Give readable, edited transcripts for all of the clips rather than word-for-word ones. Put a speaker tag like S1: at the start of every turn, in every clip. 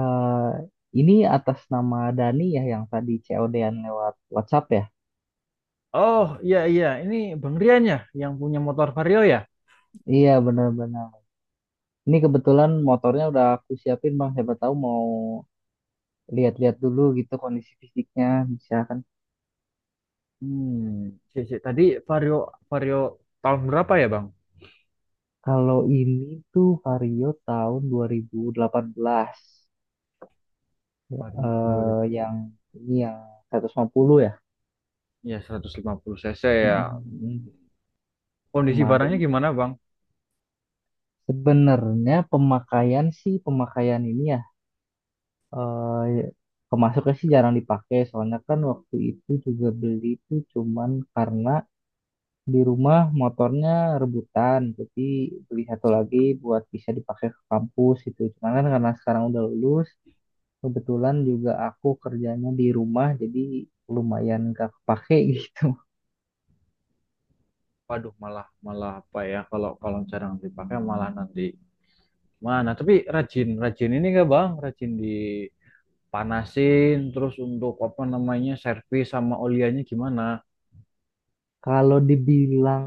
S1: Eh, ini atas nama Dani ya yang tadi COD-an lewat WhatsApp ya?
S2: Oh, iya, iya, ini Bang Rian ya yang punya motor Vario ya.
S1: Iya benar-benar. Ini kebetulan motornya udah aku siapin Bang. Siapa tahu mau lihat-lihat dulu gitu kondisi fisiknya, bisa kan.
S2: Hmm, sih. Tadi Vario Vario tahun berapa ya Bang?
S1: Kalau ini tuh Vario tahun 2018.
S2: Vario dua
S1: Eh,
S2: ribu
S1: yang ini yang 150 ya.
S2: ya, 150 cc
S1: Mm,
S2: ya.
S1: mm,
S2: Hmm,
S1: mm.
S2: Kondisi
S1: Kemarin
S2: barangnya gimana Bang?
S1: sebenarnya pemakaian sih, pemakaian ini eh kemasuknya sih jarang dipakai, soalnya kan waktu itu juga beli itu cuman karena di rumah motornya rebutan, jadi beli satu lagi buat bisa dipakai ke kampus itu. Cuman kan karena sekarang udah lulus, kebetulan juga aku kerjanya di rumah, jadi lumayan gak kepake gitu.
S2: Waduh, malah malah apa ya, kalau kalau jarang dipakai malah nanti mana? Tapi rajin rajin ini nggak Bang? Rajin dipanasin terus, untuk apa namanya, servis sama oliannya gimana?
S1: Kalau dibilang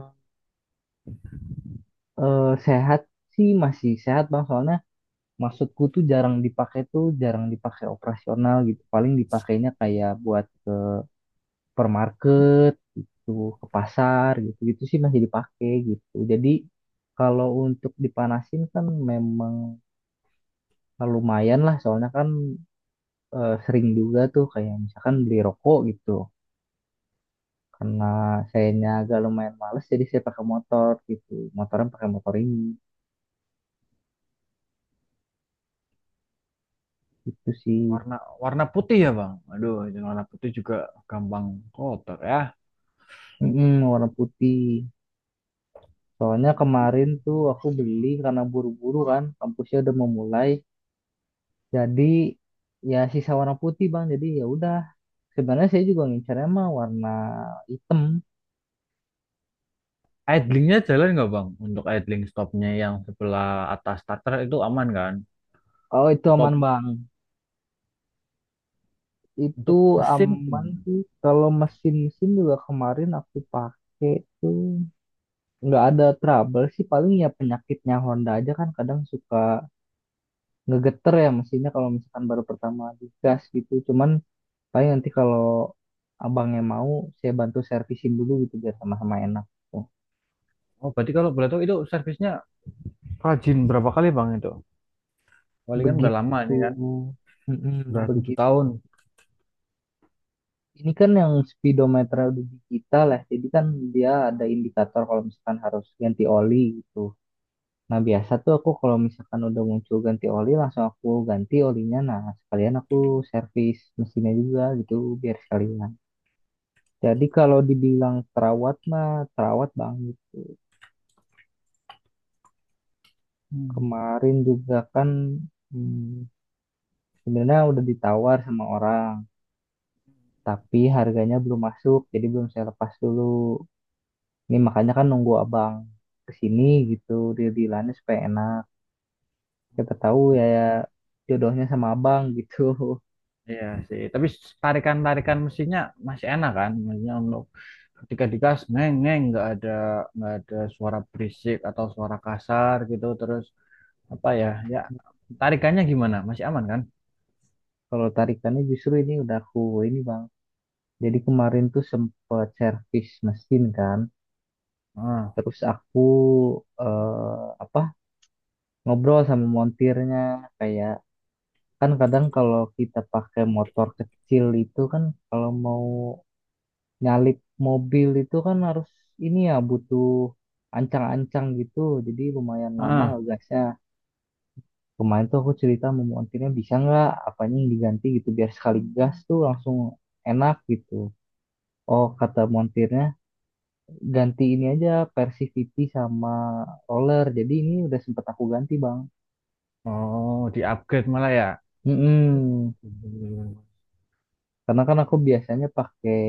S1: sehat sih masih sehat Bang, soalnya maksudku tuh jarang dipakai, tuh jarang dipakai operasional gitu. Paling dipakainya kayak buat supermarket, tuh ke pasar gitu gitu sih, masih dipakai gitu. Jadi kalau untuk dipanasin kan memang lumayan lah, soalnya kan sering juga tuh kayak misalkan beli rokok gitu. Karena sayanya agak lumayan males, jadi saya pakai motor gitu, motornya pakai motor ini gitu sih.
S2: Warna warna putih ya Bang. Aduh, warna putih juga gampang kotor ya.
S1: Mm-mm, warna putih, soalnya kemarin tuh aku beli karena buru-buru kan, kampusnya udah memulai. Jadi ya sisa warna putih Bang. Jadi ya udah. Sebenarnya saya juga ngincernya mah warna hitam.
S2: Idlingnya jalan nggak Bang? Untuk idling stopnya yang sebelah atas starter itu aman kan?
S1: Kalau itu
S2: Atau
S1: aman Bang. Itu
S2: untuk mesin,
S1: aman
S2: gimana?
S1: sih. Kalau mesin-mesin juga kemarin aku pakai tuh nggak ada trouble sih. Paling ya penyakitnya Honda aja kan, kadang suka ngegeter ya mesinnya kalau misalkan baru pertama digas gitu. Cuman paling nanti kalau abangnya mau, saya bantu servisin dulu gitu biar sama-sama enak. Tuh.
S2: Oh, berarti kalau boleh tahu itu servisnya rajin berapa kali Bang itu? Wali kan udah lama
S1: Begitu.
S2: ini kan,
S1: Mm-mm,
S2: udah tujuh
S1: begitu.
S2: tahun.
S1: Ini kan yang speedometernya udah digital ya, jadi kan dia ada indikator kalau misalkan harus ganti oli gitu. Nah biasa tuh aku kalau misalkan udah muncul ganti oli, langsung aku ganti olinya. Nah sekalian aku servis mesinnya juga gitu, biar sekalian. Jadi kalau dibilang terawat mah, terawat banget.
S2: Hmm.
S1: Kemarin juga kan hmm, sebenarnya udah ditawar sama orang, tapi harganya belum masuk, jadi belum saya lepas dulu. Ini makanya kan nunggu abang kesini gitu, dia bilangnya supaya enak. Kita tahu ya, ya jodohnya sama abang gitu.
S2: Iya sih, tapi tarikan-tarikan mesinnya masih enak kan? Maksudnya, untuk ketika digas neng neng, nggak ada suara berisik atau suara kasar gitu, terus apa ya, ya tarikannya gimana, masih aman kan?
S1: Kalau tarikannya justru ini udah aku ini Bang. Jadi kemarin tuh sempet servis mesin kan.
S2: Ah.
S1: Terus aku eh, apa ngobrol sama montirnya, kayak kan kadang kalau kita pakai motor kecil itu kan, kalau mau nyalip mobil itu kan harus ini ya, butuh ancang-ancang gitu, jadi lumayan lama
S2: Ah.
S1: ngegasnya. Kemarin tuh aku cerita sama montirnya, bisa nggak apanya yang diganti gitu biar sekali gas tuh langsung enak gitu. Oh, kata montirnya ganti ini aja, Persivity sama roller, jadi ini udah sempet aku ganti Bang.
S2: Oh, di-upgrade malah ya.
S1: Mm-mm. Karena kan aku biasanya pakai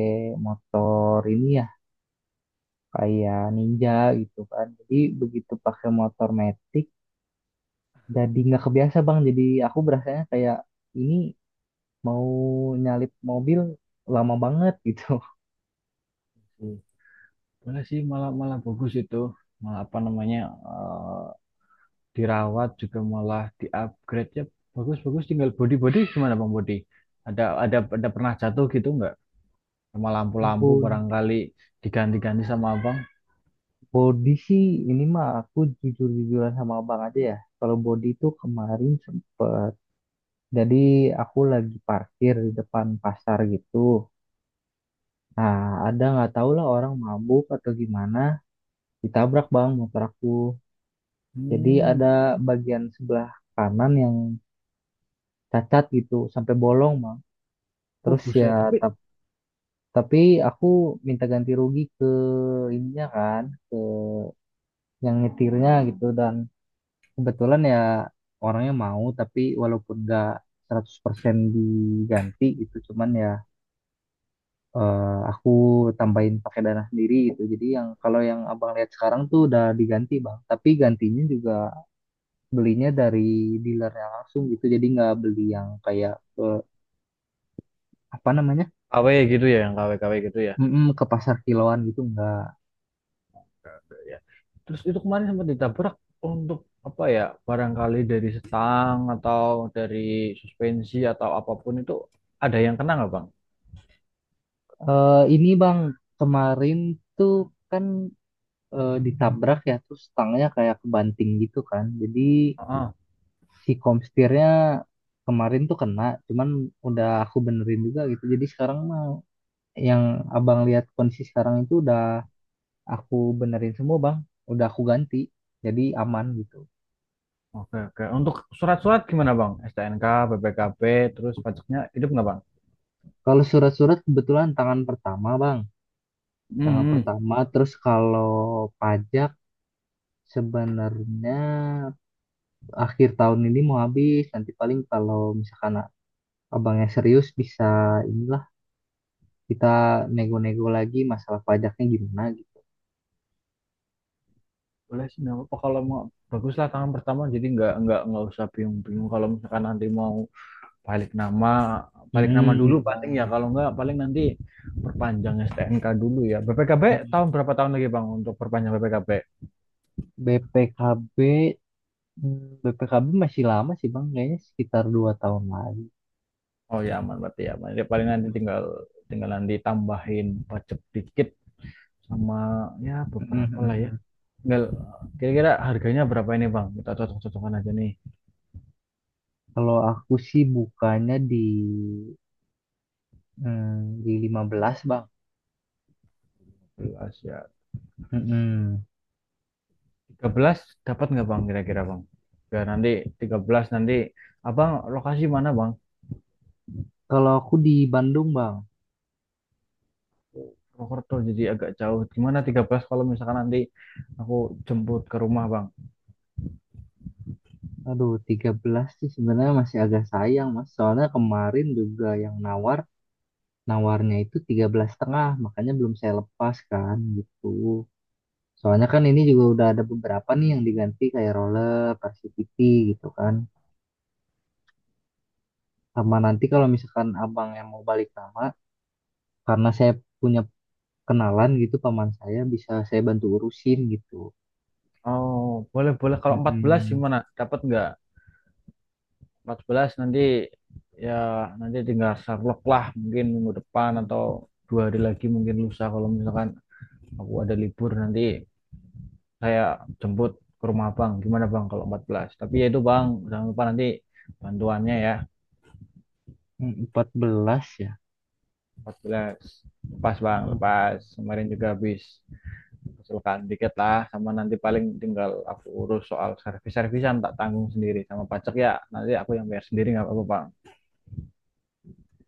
S1: motor ini ya kayak Ninja gitu kan, jadi begitu pakai motor metik jadi nggak kebiasa Bang, jadi aku berasanya kayak ini mau nyalip mobil lama banget gitu.
S2: Boleh sih, malah malah bagus itu. Malah apa namanya? Eh, dirawat juga, malah di-upgrade ya. Bagus-bagus, tinggal body-body gimana Bang, body? Ada pernah jatuh gitu nggak? Sama lampu-lampu
S1: Bod-
S2: barangkali diganti-ganti sama Abang.
S1: Body sih ini mah, aku jujur-jujuran sama abang aja ya, kalau body itu kemarin sempet, jadi aku lagi parkir di depan pasar gitu, nah ada nggak tahu lah orang mabuk atau gimana, ditabrak Bang motor aku. Jadi
S2: Hmm.
S1: ada bagian sebelah kanan yang cacat gitu sampai bolong Bang,
S2: Oh,
S1: terus ya.
S2: buset. Tapi
S1: Tapi aku minta ganti rugi ke ininya kan, ke yang nyetirnya gitu. Dan kebetulan ya orangnya mau, tapi walaupun nggak 100% diganti itu, cuman ya, eh, aku tambahin pakai dana sendiri gitu. Jadi yang kalau yang abang lihat sekarang tuh udah diganti Bang, tapi gantinya juga belinya dari dealernya langsung gitu. Jadi nggak beli yang kayak ke apa namanya,
S2: KW gitu ya, yang KW-KW gitu
S1: mm-mm, ke pasar kiloan gitu nggak.
S2: ya. Terus itu kemarin sempat ditabrak, untuk apa ya, barangkali dari stang atau dari suspensi atau apapun itu, ada yang kena nggak Bang?
S1: Eh, ini Bang, kemarin tuh kan ditabrak ya, terus stangnya kayak kebanting gitu kan. Jadi
S2: Heeh.
S1: si komstirnya kemarin tuh kena, cuman udah aku benerin juga gitu. Jadi sekarang mah yang Abang lihat kondisi sekarang itu udah aku benerin semua Bang, udah aku ganti. Jadi aman gitu.
S2: Oke, oke. Untuk surat-surat gimana Bang? STNK, BPKB, terus pajaknya hidup nggak Bang?
S1: Kalau surat-surat kebetulan tangan pertama Bang,
S2: Hmm,
S1: tangan
S2: hmm.
S1: pertama. Terus kalau pajak sebenarnya akhir tahun ini mau habis, nanti paling kalau misalkan abangnya serius bisa inilah, kita nego-nego lagi masalah pajaknya gimana gitu.
S2: Boleh sih, nggak apa-apa kalau mau. Baguslah tangan pertama, jadi nggak usah bingung-bingung kalau misalkan nanti mau balik nama balik nama
S1: Mm-mm,
S2: dulu. Paling ya,
S1: benar.
S2: kalau enggak paling nanti perpanjang STNK dulu ya, BPKB
S1: Mm-mm.
S2: tahun berapa, tahun lagi Bang untuk perpanjang BPKB?
S1: BPKB mm, BPKB masih lama sih Bang, kayaknya sekitar 2 tahun lagi.
S2: Oh ya, aman berarti, ya aman. Ya, paling nanti tinggal tinggalan ditambahin pajak dikit, sama ya beberapa lah ya.
S1: Mm-mm.
S2: Tinggal kira-kira harganya berapa ini Bang, kita cocok-cocokan aja nih.
S1: Kalau aku sih bukanya di 15 Bang.
S2: 13 ya?
S1: Mm-mm.
S2: 13 dapat nggak Bang, kira-kira Bang? Ya nanti 13, nanti Abang lokasi mana Bang?
S1: Kalau aku di Bandung Bang.
S2: Purwokerto, jadi agak jauh. Gimana 13 kalau misalkan nanti aku jemput ke rumah, Bang?
S1: Aduh, 13 sih sebenarnya masih agak sayang Mas. Soalnya kemarin juga yang nawar, nawarnya itu 13,5, makanya belum saya lepas kan gitu. Soalnya kan ini juga udah ada beberapa nih yang diganti kayak roller, Varsity gitu kan. Sama nanti kalau misalkan abang yang mau balik nama, karena saya punya kenalan gitu, paman saya bisa saya bantu urusin gitu.
S2: Oh, boleh, boleh. Kalau 14
S1: Mm-mm.
S2: gimana? Dapat nggak? 14 nanti ya, nanti tinggal Sherlock lah, mungkin minggu depan atau 2 hari lagi, mungkin lusa, kalau misalkan aku ada libur nanti saya jemput ke rumah Bang. Gimana Bang kalau 14? Tapi ya itu Bang, jangan lupa nanti bantuannya ya.
S1: 14 ya.
S2: 14. Lepas Bang, lepas.
S1: Mm.
S2: Kemarin juga habis. Usulkan dikit lah, sama nanti paling tinggal aku urus soal servis-servisan, tak tanggung sendiri, sama pajak ya nanti aku yang bayar sendiri, nggak apa-apa Bang.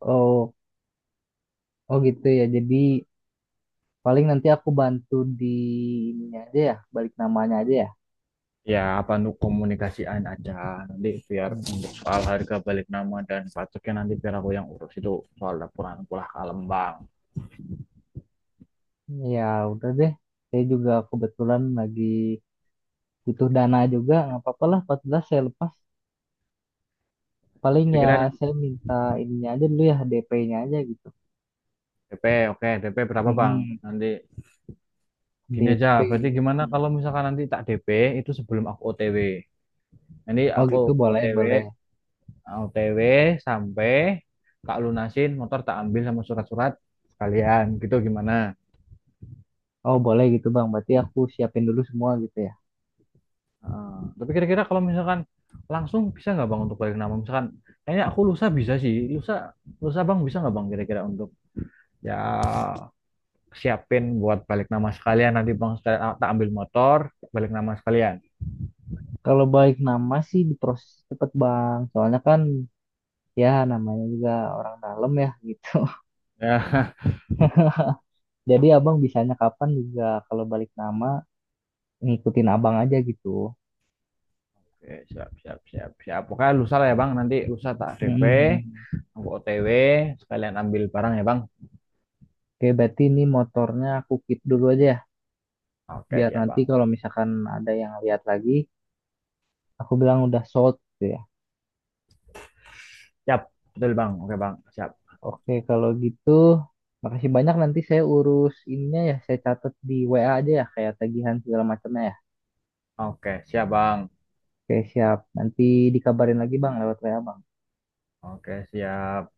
S1: Oh, oh gitu ya. Jadi paling nanti aku bantu di ininya aja ya, balik namanya aja ya.
S2: Ya apa, nu komunikasiin aja nanti, biar untuk
S1: Mm.
S2: soal harga balik nama dan pajaknya nanti biar aku yang urus itu. Soal laporan pulah kalem Bang.
S1: Ya udah deh, saya juga kebetulan lagi butuh dana juga, nggak apa-apa lah, 14 saya lepas. Paling ya
S2: Kira-kira
S1: saya minta ininya aja dulu ya, DP-nya aja gitu.
S2: DP. Oke, DP berapa Bang?
S1: Mm-mm.
S2: Nanti gini aja berarti,
S1: DP.
S2: gimana kalau misalkan nanti tak DP itu sebelum aku OTW, nanti
S1: Oh
S2: aku
S1: gitu boleh,
S2: OTW
S1: boleh.
S2: OTW sampai tak lunasin motor, tak ambil sama surat-surat sekalian gitu, gimana?
S1: Oh boleh gitu Bang, berarti aku siapin dulu semua gitu ya.
S2: Eh, tapi kira-kira kalau misalkan langsung bisa nggak Bang untuk balik nama? Misalkan kayaknya aku lusa bisa sih, lusa lusa Bang, bisa nggak Bang kira-kira untuk, ya, siapin buat balik nama sekalian, nanti Bang saya tak ambil motor, balik nama sekalian
S1: Kalau balik nama sih diproses cepet Bang, soalnya kan ya namanya juga orang dalam ya gitu.
S2: ya.
S1: Jadi abang bisanya kapan juga kalau balik nama, ngikutin abang aja gitu.
S2: Oke, siap, siap, siap, siap, pokoknya lusa lah ya Bang, nanti lusa tak DP,
S1: Mm-mm.
S2: aku OTW sekalian ambil barang ya Bang.
S1: Oke, berarti ini motornya aku keep dulu aja ya,
S2: Oke
S1: biar
S2: ya
S1: nanti
S2: Bang.
S1: kalau misalkan ada yang lihat lagi, aku bilang udah sold gitu ya.
S2: Siap, betul Bang. Oke Bang, siap.
S1: Oke, kalau gitu, makasih banyak, nanti saya urus ininya ya, saya catat di WA aja ya, kayak tagihan segala macamnya ya.
S2: Oke, siap Bang.
S1: Oke, siap. Nanti dikabarin lagi Bang lewat WA Bang.
S2: Oke, siap.